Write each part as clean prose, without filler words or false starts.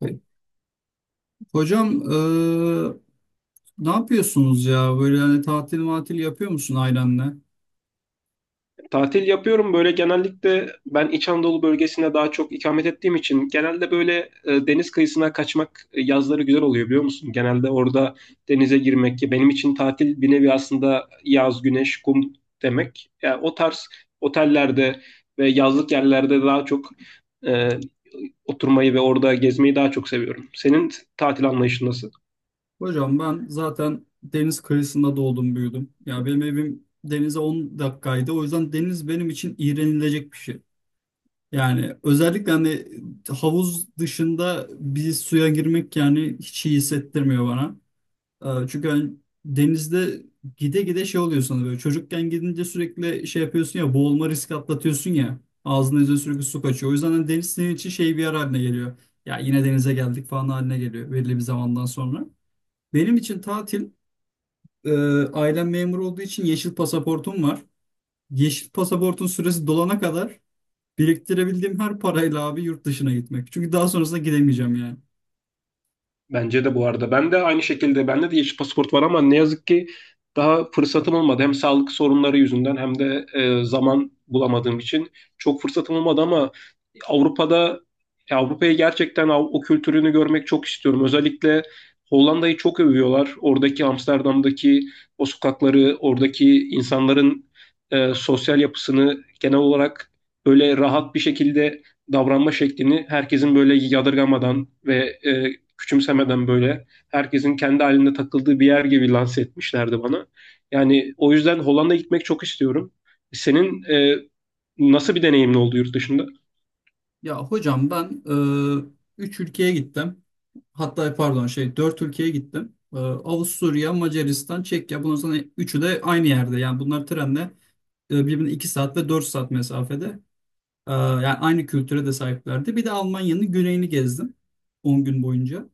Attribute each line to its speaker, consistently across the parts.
Speaker 1: Peki. Hocam ne yapıyorsunuz ya? Böyle hani tatil matil yapıyor musun ailenle?
Speaker 2: Tatil yapıyorum, böyle genellikle ben İç Anadolu bölgesinde daha çok ikamet ettiğim için genelde böyle deniz kıyısına kaçmak yazları güzel oluyor, biliyor musun? Genelde orada denize girmek, ki benim için tatil bir nevi aslında yaz, güneş, kum demek. Yani o tarz otellerde ve yazlık yerlerde daha çok e, oturmayı ve orada gezmeyi daha çok seviyorum. Senin tatil anlayışın nasıl?
Speaker 1: Hocam ben zaten deniz kıyısında doğdum büyüdüm. Ya benim evim denize 10 dakikaydı. O yüzden deniz benim için iğrenilecek bir şey. Yani özellikle hani havuz dışında bir suya girmek yani hiç iyi hissettirmiyor bana. Çünkü hani denizde gide gide şey oluyor sana böyle çocukken gidince sürekli şey yapıyorsun ya boğulma riski atlatıyorsun ya ağzına yüzüne sürekli su kaçıyor. O yüzden hani deniz senin için şey bir yer haline geliyor. Ya yine denize geldik falan haline geliyor belirli bir zamandan sonra. Benim için tatil e, ailem memur olduğu için yeşil pasaportum var. Yeşil pasaportun süresi dolana kadar biriktirebildiğim her parayla abi yurt dışına gitmek. Çünkü daha sonrasında gidemeyeceğim yani.
Speaker 2: Bence de, bu arada. Ben de aynı şekilde, bende de yeşil pasaport var ama ne yazık ki daha fırsatım olmadı. Hem sağlık sorunları yüzünden hem de zaman bulamadığım için çok fırsatım olmadı ama Avrupa'da, Avrupa'ya gerçekten o kültürünü görmek çok istiyorum. Özellikle Hollanda'yı çok övüyorlar. Oradaki Amsterdam'daki o sokakları, oradaki insanların sosyal yapısını, genel olarak böyle rahat bir şekilde davranma şeklini, herkesin böyle yadırgamadan ve e, küçümsemeden, böyle herkesin kendi halinde takıldığı bir yer gibi lanse etmişlerdi bana. Yani o yüzden Hollanda'ya gitmek çok istiyorum. Senin nasıl bir deneyimin oldu yurt dışında?
Speaker 1: Ya hocam ben 3 ülkeye gittim. Hatta pardon şey 4 ülkeye gittim. Avusturya, Macaristan, Çekya. Bundan sonra üçü de aynı yerde. Yani bunlar trenle birbirine 2 saat ve 4 saat mesafede. Yani aynı kültüre de sahiplerdi. Bir de Almanya'nın güneyini gezdim 10 gün boyunca.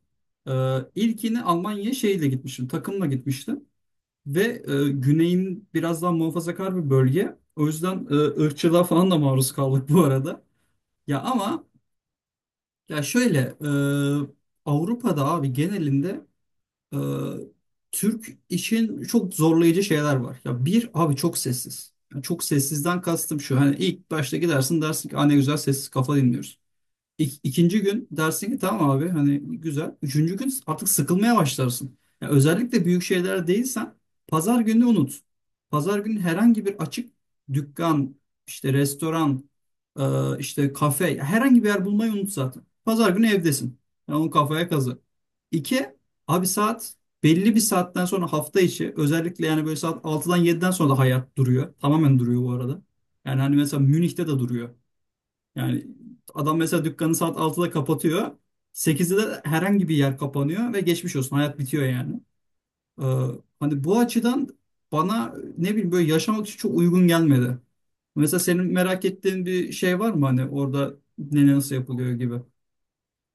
Speaker 1: E, ilkini Almanya'ya şeyle gitmiştim. Takımla gitmiştim. Ve güneyin biraz daha muhafazakar bir bölge. O yüzden ırkçılığa falan da maruz kaldık bu arada. Ya ama ya şöyle Avrupa'da abi genelinde e, Türk için çok zorlayıcı şeyler var. Ya bir abi çok sessiz. Yani çok sessizden kastım şu. Hani ilk başta gidersin dersin ki "Aa, ne güzel sessiz kafa dinliyoruz." İkinci gün dersin ki tamam abi hani güzel. Üçüncü gün artık sıkılmaya başlarsın. Yani özellikle büyük şeyler değilsen pazar günü unut. Pazar günü herhangi bir açık dükkan, işte restoran, işte kafe herhangi bir yer bulmayı unut zaten. Pazar günü evdesin. Yani onu kafaya kazı. İki, abi saat belli bir saatten sonra hafta içi özellikle yani böyle saat 6'dan 7'den sonra da hayat duruyor. Tamamen duruyor bu arada. Yani hani mesela Münih'te de duruyor. Yani adam mesela dükkanı saat 6'da kapatıyor. 8'de de herhangi bir yer kapanıyor ve geçmiş olsun hayat bitiyor yani. Ee, Hani bu açıdan bana ne bileyim böyle yaşamak için çok uygun gelmedi. Mesela senin merak ettiğin bir şey var mı hani orada ne nasıl yapılıyor gibi?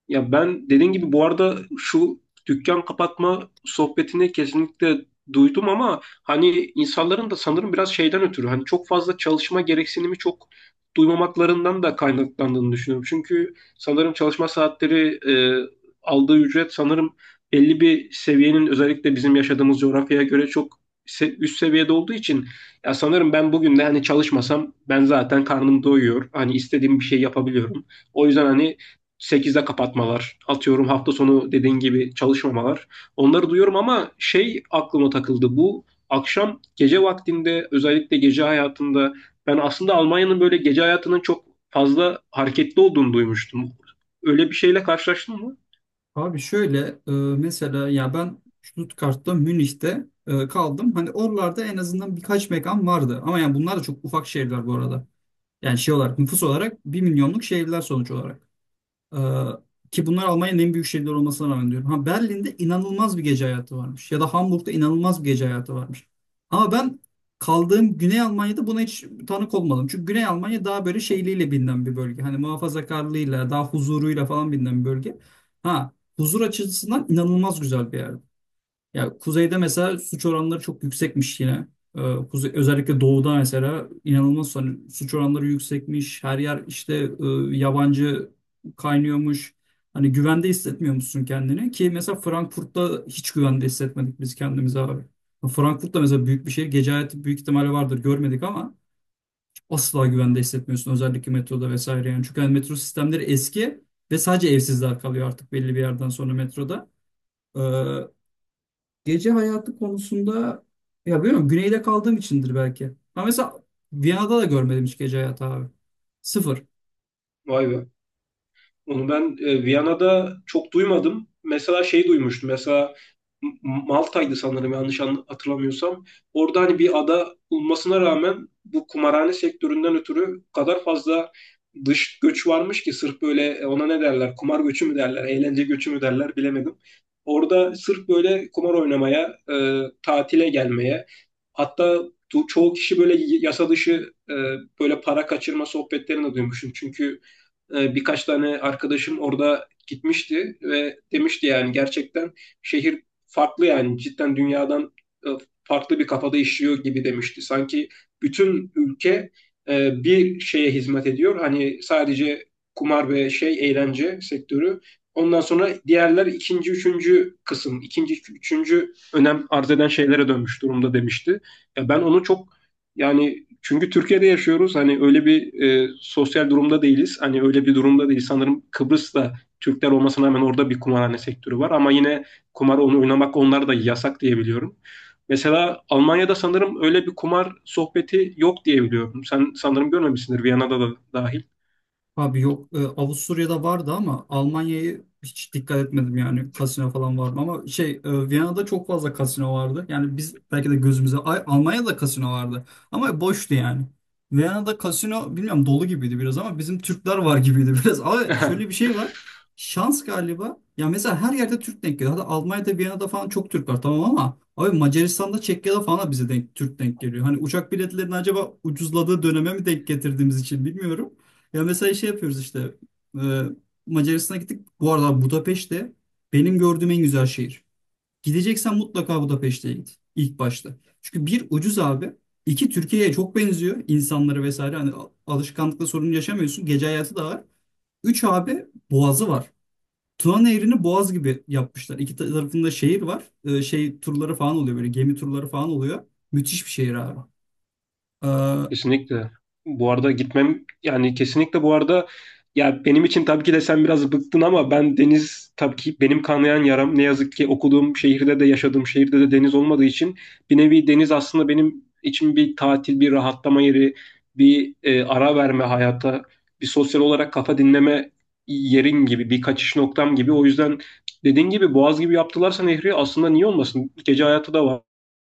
Speaker 2: Ya ben dediğin gibi, bu arada şu dükkan kapatma sohbetini kesinlikle duydum ama hani insanların da sanırım biraz şeyden ötürü, hani çok fazla çalışma gereksinimi çok duymamaklarından da kaynaklandığını düşünüyorum. Çünkü sanırım çalışma saatleri, aldığı ücret sanırım belli bir seviyenin, özellikle bizim yaşadığımız coğrafyaya göre çok üst seviyede olduğu için, ya sanırım ben bugün de hani çalışmasam ben zaten karnım doyuyor. Hani istediğim bir şey yapabiliyorum. O yüzden hani 8'de kapatmalar, atıyorum hafta sonu dediğin gibi çalışmamalar. Onları duyuyorum ama şey aklıma takıldı. Bu akşam gece vaktinde, özellikle gece hayatında, ben aslında Almanya'nın böyle gece hayatının çok fazla hareketli olduğunu duymuştum. Öyle bir şeyle karşılaştın mı?
Speaker 1: Abi şöyle e, mesela ya ben Stuttgart'ta Münih'te kaldım. Hani oralarda en azından birkaç mekan vardı. Ama yani bunlar da çok ufak şehirler bu arada. Yani şey olarak nüfus olarak bir milyonluk şehirler sonuç olarak. Ee, ki bunlar Almanya'nın en büyük şehirleri olmasına rağmen diyorum. Ha Berlin'de inanılmaz bir gece hayatı varmış. Ya da Hamburg'da inanılmaz bir gece hayatı varmış. Ama ben kaldığım Güney Almanya'da buna hiç tanık olmadım. Çünkü Güney Almanya daha böyle şeyliğiyle bilinen bir bölge. Hani muhafazakarlığıyla, daha huzuruyla falan bilinen bir bölge. Ha huzur açısından inanılmaz güzel bir yer. Ya kuzeyde mesela suç oranları çok yüksekmiş yine. Ee, Özellikle doğuda mesela inanılmaz hani suç oranları yüksekmiş. Her yer işte yabancı kaynıyormuş. Hani güvende hissetmiyor musun kendini? Ki mesela Frankfurt'ta hiç güvende hissetmedik biz kendimizi abi. Frankfurt'ta mesela büyük bir şehir. Gece hayatı büyük ihtimalle vardır görmedik ama asla güvende hissetmiyorsun. Özellikle metroda vesaire yani. Çünkü hani metro sistemleri eski ve sadece evsizler kalıyor artık belli bir yerden sonra metroda. Ee, Gece hayatı konusunda ya bilmiyorum güneyde kaldığım içindir belki. Ama mesela Viyana'da da görmedim hiç gece hayatı abi. Sıfır.
Speaker 2: Vay be. Onu ben Viyana'da çok duymadım. Mesela şey duymuştum. Mesela Malta'ydı sanırım, yanlış hatırlamıyorsam. Orada hani bir ada olmasına rağmen, bu kumarhane sektöründen ötürü o kadar fazla dış göç varmış ki sırf böyle, ona ne derler? Kumar göçü mü derler? Eğlence göçü mü derler? Bilemedim. Orada sırf böyle kumar oynamaya, tatile gelmeye, hatta çoğu kişi böyle yasa dışı böyle para kaçırma sohbetlerini de duymuşum. Çünkü birkaç tane arkadaşım orada gitmişti ve demişti yani gerçekten şehir farklı, yani cidden dünyadan e, farklı bir kafada işliyor gibi demişti. Sanki bütün ülke bir şeye hizmet ediyor. Hani sadece kumar ve şey eğlence sektörü. Ondan sonra diğerler ikinci, üçüncü kısım, ikinci, üçüncü önem arz eden şeylere dönmüş durumda demişti. Ya ben onu çok, yani çünkü Türkiye'de yaşıyoruz. Hani öyle bir sosyal durumda değiliz. Hani öyle bir durumda değil. Sanırım Kıbrıs'ta Türkler olmasına rağmen orada bir kumarhane sektörü var. Ama yine kumar, onu oynamak onlar da yasak diye biliyorum. Mesela Almanya'da sanırım öyle bir kumar sohbeti yok diye biliyorum. Sen sanırım görmemişsindir, Viyana'da da dahil.
Speaker 1: Abi yok Avusturya'da vardı ama Almanya'yı hiç dikkat etmedim yani kasino falan var mı ama şey Viyana'da çok fazla kasino vardı. Yani biz belki de gözümüze ay, Almanya'da kasino vardı ama boştu yani. Viyana'da kasino bilmiyorum dolu gibiydi biraz ama bizim Türkler var gibiydi biraz. Ama şöyle bir şey var. Şans galiba. Ya mesela her yerde Türk denk geliyor. Hatta Almanya'da, Viyana'da falan çok Türk var tamam ama abi Macaristan'da, Çekya'da falan da bize denk Türk denk geliyor. Hani uçak biletlerinin acaba ucuzladığı döneme mi denk getirdiğimiz için bilmiyorum. Ya mesela şey yapıyoruz işte. e, Macaristan'a gittik. Bu arada Budapeşte benim gördüğüm en güzel şehir. Gideceksen mutlaka Budapeşte'ye git ilk başta. Çünkü bir ucuz abi. İki Türkiye'ye çok benziyor insanları vesaire. Hani alışkanlıkla sorun yaşamıyorsun. Gece hayatı da var. Üç abi boğazı var. Tuna Nehri'ni boğaz gibi yapmışlar. İki tarafında şehir var. Şey turları falan oluyor böyle gemi turları falan oluyor. Müthiş bir şehir abi. Ee,
Speaker 2: Kesinlikle. Bu arada gitmem, yani kesinlikle bu arada, ya benim için tabii ki de sen biraz bıktın ama ben deniz, tabii ki benim kanayan yaram, ne yazık ki okuduğum şehirde de yaşadığım şehirde de deniz olmadığı için, bir nevi deniz aslında benim için bir tatil, bir rahatlama yeri, bir ara verme hayata, bir sosyal olarak kafa dinleme yerin gibi, bir kaçış noktam gibi. O yüzden dediğin gibi, Boğaz gibi yaptılarsa nehri aslında, niye olmasın? Gece hayatı da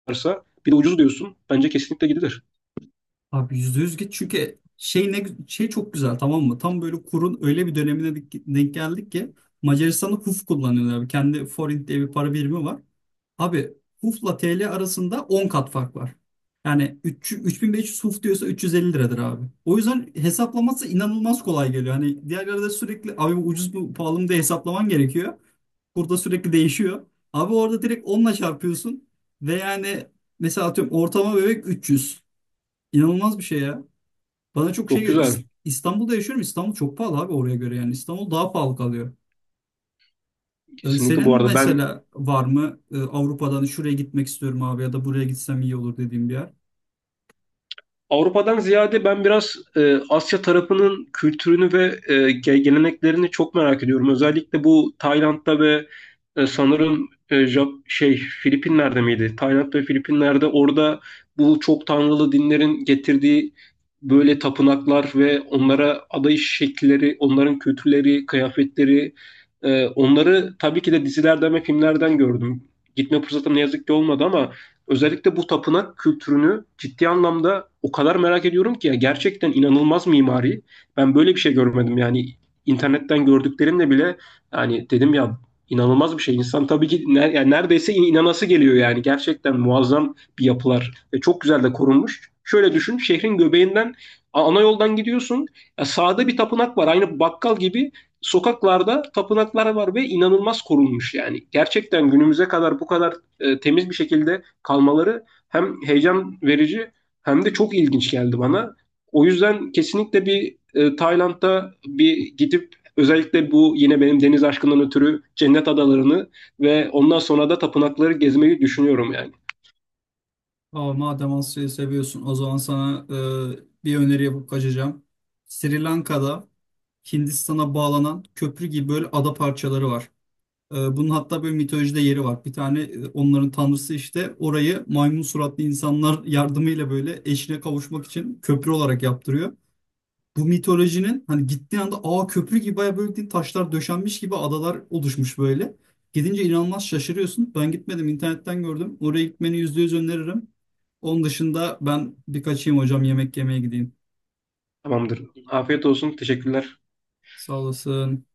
Speaker 2: varsa, bir de ucuz diyorsun. Bence kesinlikle gidilir.
Speaker 1: Abi %100 git çünkü şey ne şey çok güzel tamam mı? Tam böyle kurun öyle bir dönemine denk geldik ki Macaristan'da HUF kullanıyorlar abi. Kendi forint diye bir para birimi var. Abi HUF'la TL arasında 10 kat fark var. Yani 3, 3500 HUF diyorsa 350 liradır abi. O yüzden hesaplaması inanılmaz kolay geliyor. Hani diğerlerde sürekli abi bu ucuz mu pahalı mı diye hesaplaman gerekiyor. Burada sürekli değişiyor. Abi orada direkt onla çarpıyorsun ve yani mesela atıyorum ortama bebek 300. İnanılmaz bir şey ya. Bana çok şey
Speaker 2: Çok
Speaker 1: geliyor.
Speaker 2: güzel.
Speaker 1: İstanbul'da yaşıyorum. İstanbul çok pahalı abi oraya göre yani. İstanbul daha pahalı kalıyor. Ee,
Speaker 2: Kesinlikle bu
Speaker 1: senin
Speaker 2: arada ben,
Speaker 1: mesela var mı Avrupa'dan şuraya gitmek istiyorum abi ya da buraya gitsem iyi olur dediğim bir yer?
Speaker 2: Avrupa'dan ziyade ben biraz Asya tarafının kültürünü ve geleneklerini çok merak ediyorum. Özellikle bu Tayland'da ve sanırım Filipinler'de miydi? Tayland ve Filipinler'de, orada bu çok tanrılı dinlerin getirdiği böyle tapınaklar ve onlara adayış şekilleri, onların kültürleri, kıyafetleri, onları tabii ki de dizilerden ve filmlerden gördüm. Gitme fırsatım ne yazık ki olmadı ama özellikle bu tapınak kültürünü ciddi anlamda o kadar merak ediyorum ki, gerçekten inanılmaz mimari. Ben böyle bir şey görmedim yani, internetten gördüklerimle bile, yani dedim ya, inanılmaz bir şey. İnsan tabii ki yani neredeyse inanası geliyor, yani gerçekten muazzam bir yapılar ve çok güzel de korunmuş. Şöyle düşün, şehrin göbeğinden ana yoldan gidiyorsun. Ya sağda bir tapınak var, aynı bakkal gibi sokaklarda tapınaklar var ve inanılmaz korunmuş yani. Gerçekten günümüze kadar bu kadar temiz bir şekilde kalmaları hem heyecan verici hem de çok ilginç geldi bana. O yüzden kesinlikle bir Tayland'da bir gidip, özellikle bu yine benim deniz aşkından ötürü cennet adalarını ve ondan sonra da tapınakları gezmeyi düşünüyorum yani.
Speaker 1: Aa, madem Asya'yı seviyorsun o zaman sana bir öneri yapıp kaçacağım. Sri Lanka'da Hindistan'a bağlanan köprü gibi böyle ada parçaları var. Bunun hatta böyle mitolojide yeri var. Bir tane onların tanrısı işte orayı maymun suratlı insanlar yardımıyla böyle eşine kavuşmak için köprü olarak yaptırıyor. Bu mitolojinin hani gittiği anda ağ köprü gibi baya böyle değil, taşlar döşenmiş gibi adalar oluşmuş böyle. Gidince inanılmaz şaşırıyorsun. Ben gitmedim internetten gördüm. Oraya gitmeni %100 öneririm. Onun dışında ben bir kaçayım hocam yemek yemeye gideyim.
Speaker 2: Tamamdır. Afiyet olsun. Teşekkürler.
Speaker 1: Sağ olasın.